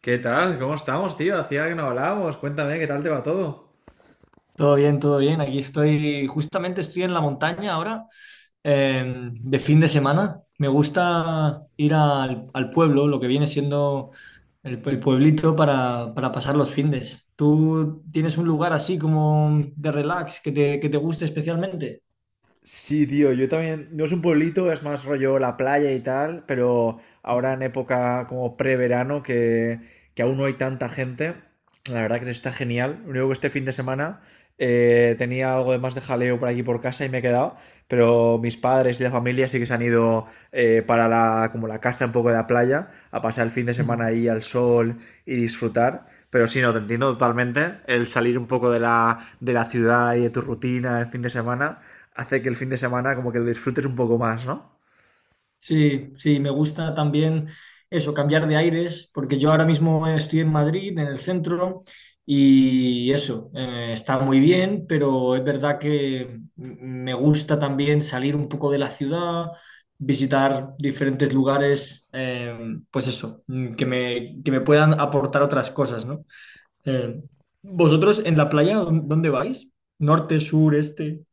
¿Qué tal? ¿Cómo estamos, tío? Hacía que no hablábamos. Cuéntame, ¿qué tal te va todo? Todo bien, todo bien. Aquí estoy, justamente estoy en la montaña ahora, de fin de semana. Me gusta ir al pueblo, lo que viene siendo el pueblito para pasar los findes. ¿Tú tienes un lugar así como de relax que te guste especialmente? Sí, tío, yo también, no es un pueblito, es más rollo la playa y tal, pero ahora en época como preverano que aún no hay tanta gente, la verdad que está genial. Lo único que este fin de semana tenía algo de más de jaleo por aquí por casa y me he quedado, pero mis padres y la familia sí que se han ido, como la casa un poco de la playa a pasar el fin de semana ahí al sol y disfrutar. Pero sí, no, te entiendo totalmente. El salir un poco de la ciudad y de tu rutina el fin de semana hace que el fin de semana como que lo disfrutes un poco más, ¿no? Sí, sí, me gusta también eso, cambiar de aires, porque yo ahora mismo estoy en Madrid, en el centro, y eso, está muy bien, pero es verdad que me gusta también salir un poco de la ciudad, visitar diferentes lugares, pues eso, que me puedan aportar otras cosas, ¿no? Eh, ¿Vosotros en la playa, dónde vais? ¿Norte, sur, este?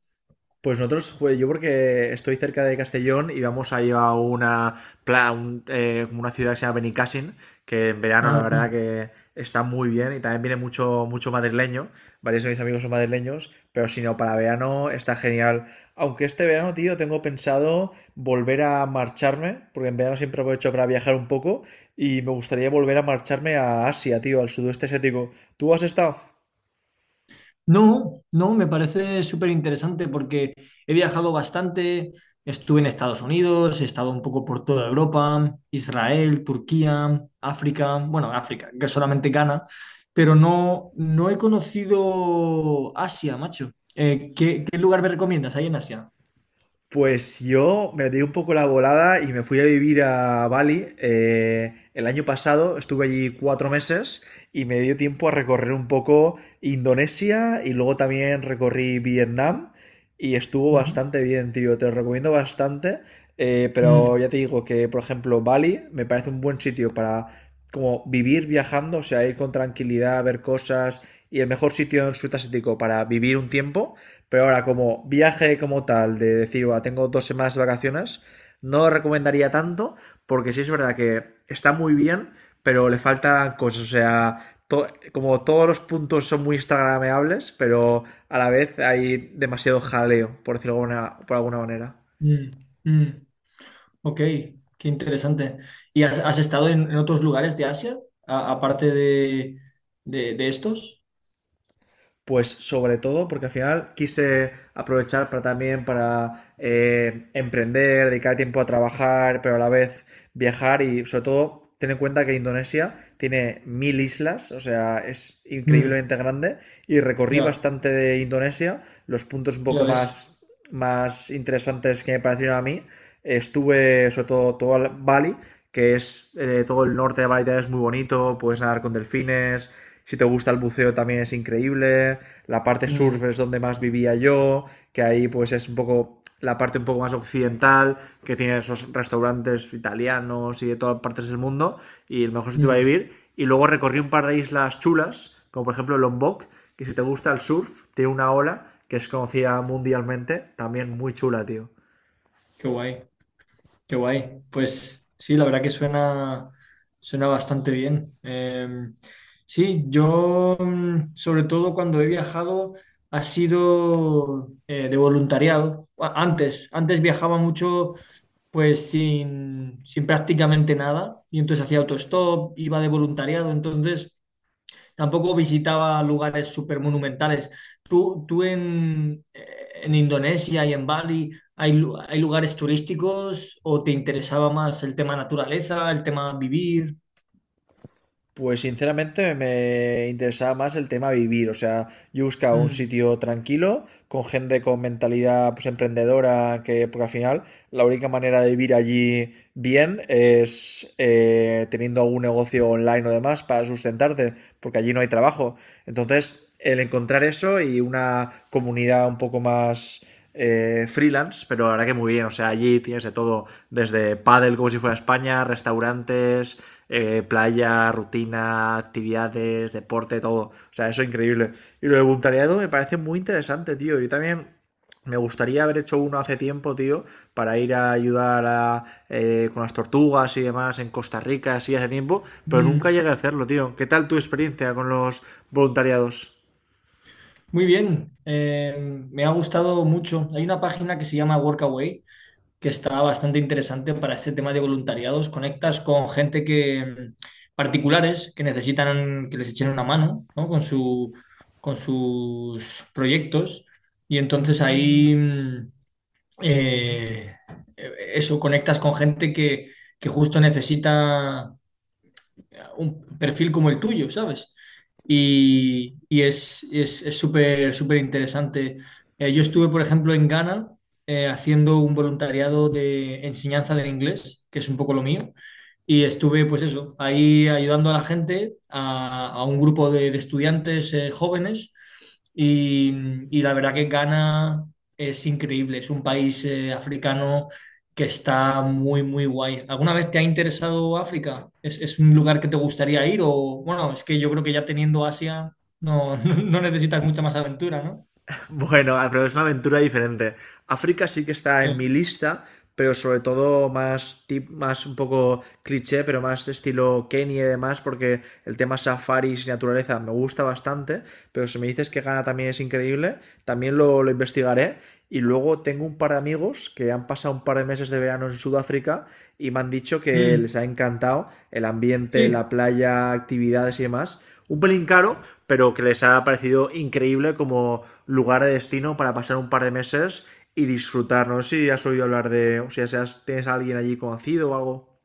Pues nosotros, pues, yo porque estoy cerca de Castellón y vamos a ir a una, una ciudad que se llama Benicàssim, que en verano Ah, la ok. verdad que está muy bien y también viene mucho, mucho madrileño, varios de mis amigos son madrileños, pero si no, para verano está genial. Aunque este verano, tío, tengo pensado volver a marcharme, porque en verano siempre aprovecho para viajar un poco y me gustaría volver a marcharme a Asia, tío, al sudeste asiático. ¿Tú has estado? No, no, me parece súper interesante porque he viajado bastante, estuve en Estados Unidos, he estado un poco por toda Europa, Israel, Turquía, África, bueno, África, que solamente Ghana, pero no, no he conocido Asia, macho. ¿Qué lugar me recomiendas ahí en Asia? Pues yo me di un poco la volada y me fui a vivir a Bali. El año pasado estuve allí 4 meses y me dio tiempo a recorrer un poco Indonesia y luego también recorrí Vietnam y estuvo Ujú. bastante bien, tío. Te lo recomiendo bastante. Pero Mm, ya te digo que, por ejemplo, Bali me parece un buen sitio para como vivir viajando, o sea, ir con tranquilidad, ver cosas y el mejor sitio en Sudeste Asiático para vivir un tiempo. Pero ahora, como viaje como tal, de decir, "Buah, tengo 2 semanas de vacaciones, no lo recomendaría tanto, porque sí es verdad que está muy bien, pero le faltan cosas. O sea, como todos los puntos son muy instagrameables, pero a la vez hay demasiado jaleo, por decirlo por alguna manera. mm, mm. Ok, qué interesante. ¿Y has estado en otros lugares de Asia, aparte de estos? Pues sobre todo porque al final quise aprovechar para también para emprender, dedicar tiempo a trabajar, pero a la vez viajar y sobre todo ten en cuenta que Indonesia tiene mil islas, o sea, es Mm, increíblemente grande y recorrí ya. bastante de Indonesia, los puntos un Ya poco ves. más interesantes que me parecieron a mí. Estuve sobre todo el Bali, que es todo el norte de Bali es muy bonito, puedes nadar con delfines, si te gusta el buceo también es increíble. La parte surf Mm, es donde más vivía yo, que ahí pues es un poco la parte un poco más occidental, que tiene esos restaurantes italianos y de todas partes del mundo, y el mejor sitio para mm, vivir. Y luego recorrí un par de islas chulas, como por ejemplo Lombok, que si te gusta el surf, tiene una ola que es conocida mundialmente, también muy chula, tío. qué guay, qué guay. Pues sí, la verdad que suena, suena bastante bien. Sí, yo sobre todo cuando he viajado ha sido de voluntariado. Antes, antes viajaba mucho pues sin, sin prácticamente nada y entonces hacía autostop, iba de voluntariado, entonces... Tampoco visitaba lugares súper monumentales. Tú en Indonesia y en Bali, ¿hay, hay lugares turísticos o te interesaba más el tema naturaleza, el tema vivir? Pues sinceramente me interesaba más el tema vivir, o sea, yo buscaba un Mm, sitio tranquilo, con gente con mentalidad pues emprendedora, que porque al final la única manera de vivir allí bien es teniendo algún negocio online o demás para sustentarte, porque allí no hay trabajo. Entonces, el encontrar eso y una comunidad un poco más freelance, pero la verdad que muy bien. O sea, allí tienes de todo, desde pádel como si fuera España, restaurantes, playa, rutina, actividades, deporte, todo. O sea, eso es increíble. Y lo de voluntariado me parece muy interesante, tío. Yo también me gustaría haber hecho uno hace tiempo, tío, para ir a ayudar a, con las tortugas y demás en Costa Rica, así hace tiempo, pero nunca mm. llegué a hacerlo, tío. ¿Qué tal tu experiencia con los voluntariados? Muy bien, me ha gustado mucho. Hay una página que se llama Workaway que está bastante interesante para este tema de voluntariados. Conectas con gente que particulares que necesitan que les echen una mano, ¿no? Con su, con sus proyectos y entonces ahí eh, eso conectas con gente que justo necesita un perfil como el tuyo, ¿sabes? Y es súper súper interesante. Yo estuve, por ejemplo, en Ghana haciendo un voluntariado de enseñanza del inglés, que es un poco lo mío. Y estuve, pues eso, ahí ayudando a la gente, a un grupo de estudiantes jóvenes. Y, y la verdad que Ghana es increíble, es un país africano que está muy, muy guay. ¿Alguna vez te ha interesado África? Es un lugar que te gustaría ir? O bueno, es que yo creo que ya teniendo Asia no, no necesitas mucha más aventura, ¿no? Bueno, pero es una aventura diferente. África sí que está en mi Sí. lista, pero sobre todo más tip, más un poco cliché, pero más estilo Kenia y demás, porque el tema safaris y naturaleza me gusta bastante, pero si me dices que Ghana también es increíble, también lo investigaré. Y luego tengo un par de amigos que han pasado un par de meses de verano en Sudáfrica y me han dicho que Mm, les ha encantado el ambiente, la sí. playa, actividades y demás. Un pelín caro, pero que les ha parecido increíble como lugar de destino para pasar un par de meses y disfrutar. No sé si has oído hablar de, o sea, si tienes a alguien allí conocido o algo.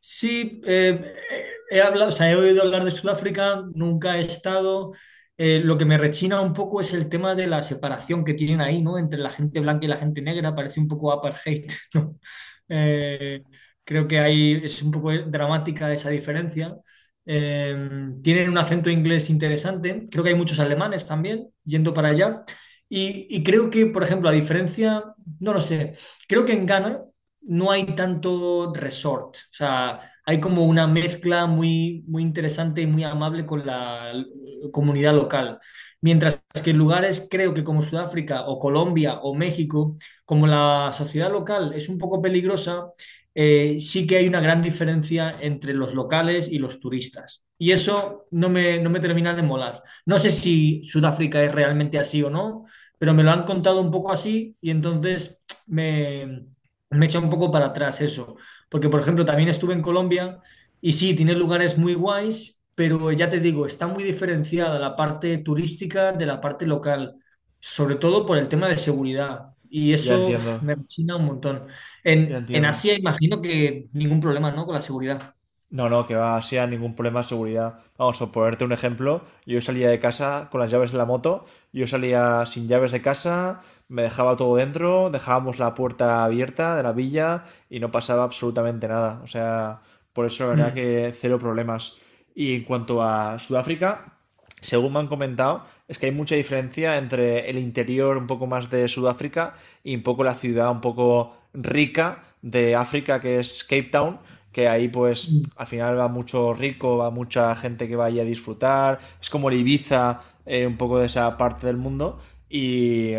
Sí, he hablado, o sea, he oído hablar de Sudáfrica, nunca he estado. Lo que me rechina un poco es el tema de la separación que tienen ahí, ¿no? Entre la gente blanca y la gente negra, parece un poco apartheid, ¿no? Eh, creo que ahí es un poco dramática esa diferencia. Eh, tienen un acento inglés interesante, creo que hay muchos alemanes también yendo para allá. Y creo que, por ejemplo, a diferencia, no lo sé, creo que en Ghana no hay tanto resort, o sea, hay como una mezcla muy, muy interesante y muy amable con la comunidad local. Mientras que en lugares, creo que como Sudáfrica o Colombia o México, como la sociedad local es un poco peligrosa, sí que hay una gran diferencia entre los locales y los turistas. Y eso no me termina de molar. No sé si Sudáfrica es realmente así o no, pero me lo han contado un poco así y entonces me, me echa un poco para atrás eso, porque por ejemplo también estuve en Colombia y sí, tiene lugares muy guays, pero ya te digo, está muy diferenciada la parte turística de la parte local, sobre todo por el tema de seguridad. Y Ya eso uf, entiendo, me china un montón. ya En entiendo. Asia imagino que ningún problema, ¿no? Con la seguridad. No, no, que va, sea ningún problema de seguridad. Vamos, por ponerte un ejemplo, yo salía de casa con las llaves de la moto, yo salía sin llaves de casa, me dejaba todo dentro, dejábamos la puerta abierta de la villa y no pasaba absolutamente nada. O sea, por eso la verdad Mm, que cero problemas. Y en cuanto a Sudáfrica, según me han comentado, es que hay mucha diferencia entre el interior un poco más de Sudáfrica y un poco la ciudad un poco rica de África, que es Cape Town, que ahí pues mm, al final va mucho rico, va mucha gente que va allí a disfrutar, es como el Ibiza, un poco de esa parte del mundo, y,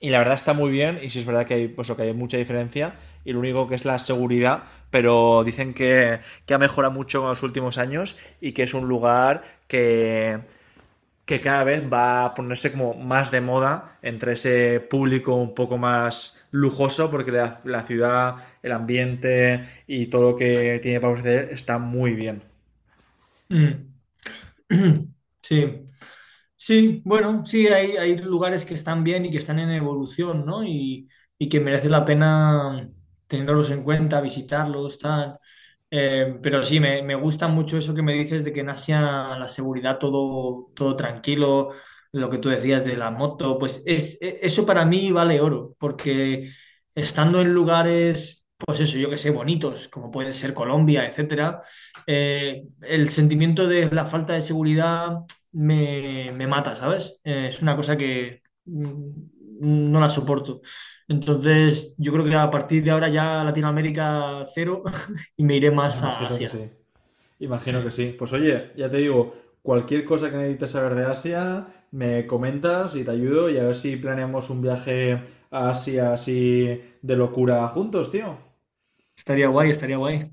y la verdad está muy bien, y sí es verdad que hay, pues, que hay mucha diferencia, y lo único que es la seguridad, pero dicen que ha mejorado mucho en los últimos años y que es un lugar que cada vez va a ponerse como más de moda entre ese público un poco más lujoso, porque la ciudad, el ambiente y todo lo que tiene para ofrecer está muy bien. mm. Sí. Sí, bueno, sí, hay lugares que están bien y que están en evolución, ¿no? Y que merece la pena tenerlos en cuenta, visitarlos, tal. Pero sí, me gusta mucho eso que me dices de que en Asia la seguridad todo, todo tranquilo, lo que tú decías de la moto, pues es, eso para mí vale oro, porque estando en lugares, pues eso, yo que sé, bonitos, como puede ser Colombia, etcétera el sentimiento de la falta de seguridad me, me mata, ¿sabes? Es una cosa que no la soporto. Entonces, yo creo que a partir de ahora ya Latinoamérica cero y me iré más a Imagino que Asia. sí, imagino que Sí. sí. Pues oye, ya te digo, cualquier cosa que necesites saber de Asia, me comentas y te ayudo y a ver si planeamos un viaje a Asia así de locura juntos, tío. Estaría guay, estaría guay.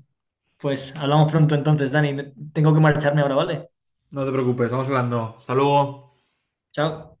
Pues hablamos pronto entonces, Dani. Tengo que marcharme ahora, ¿vale? No te preocupes, vamos hablando. Hasta luego. Chao.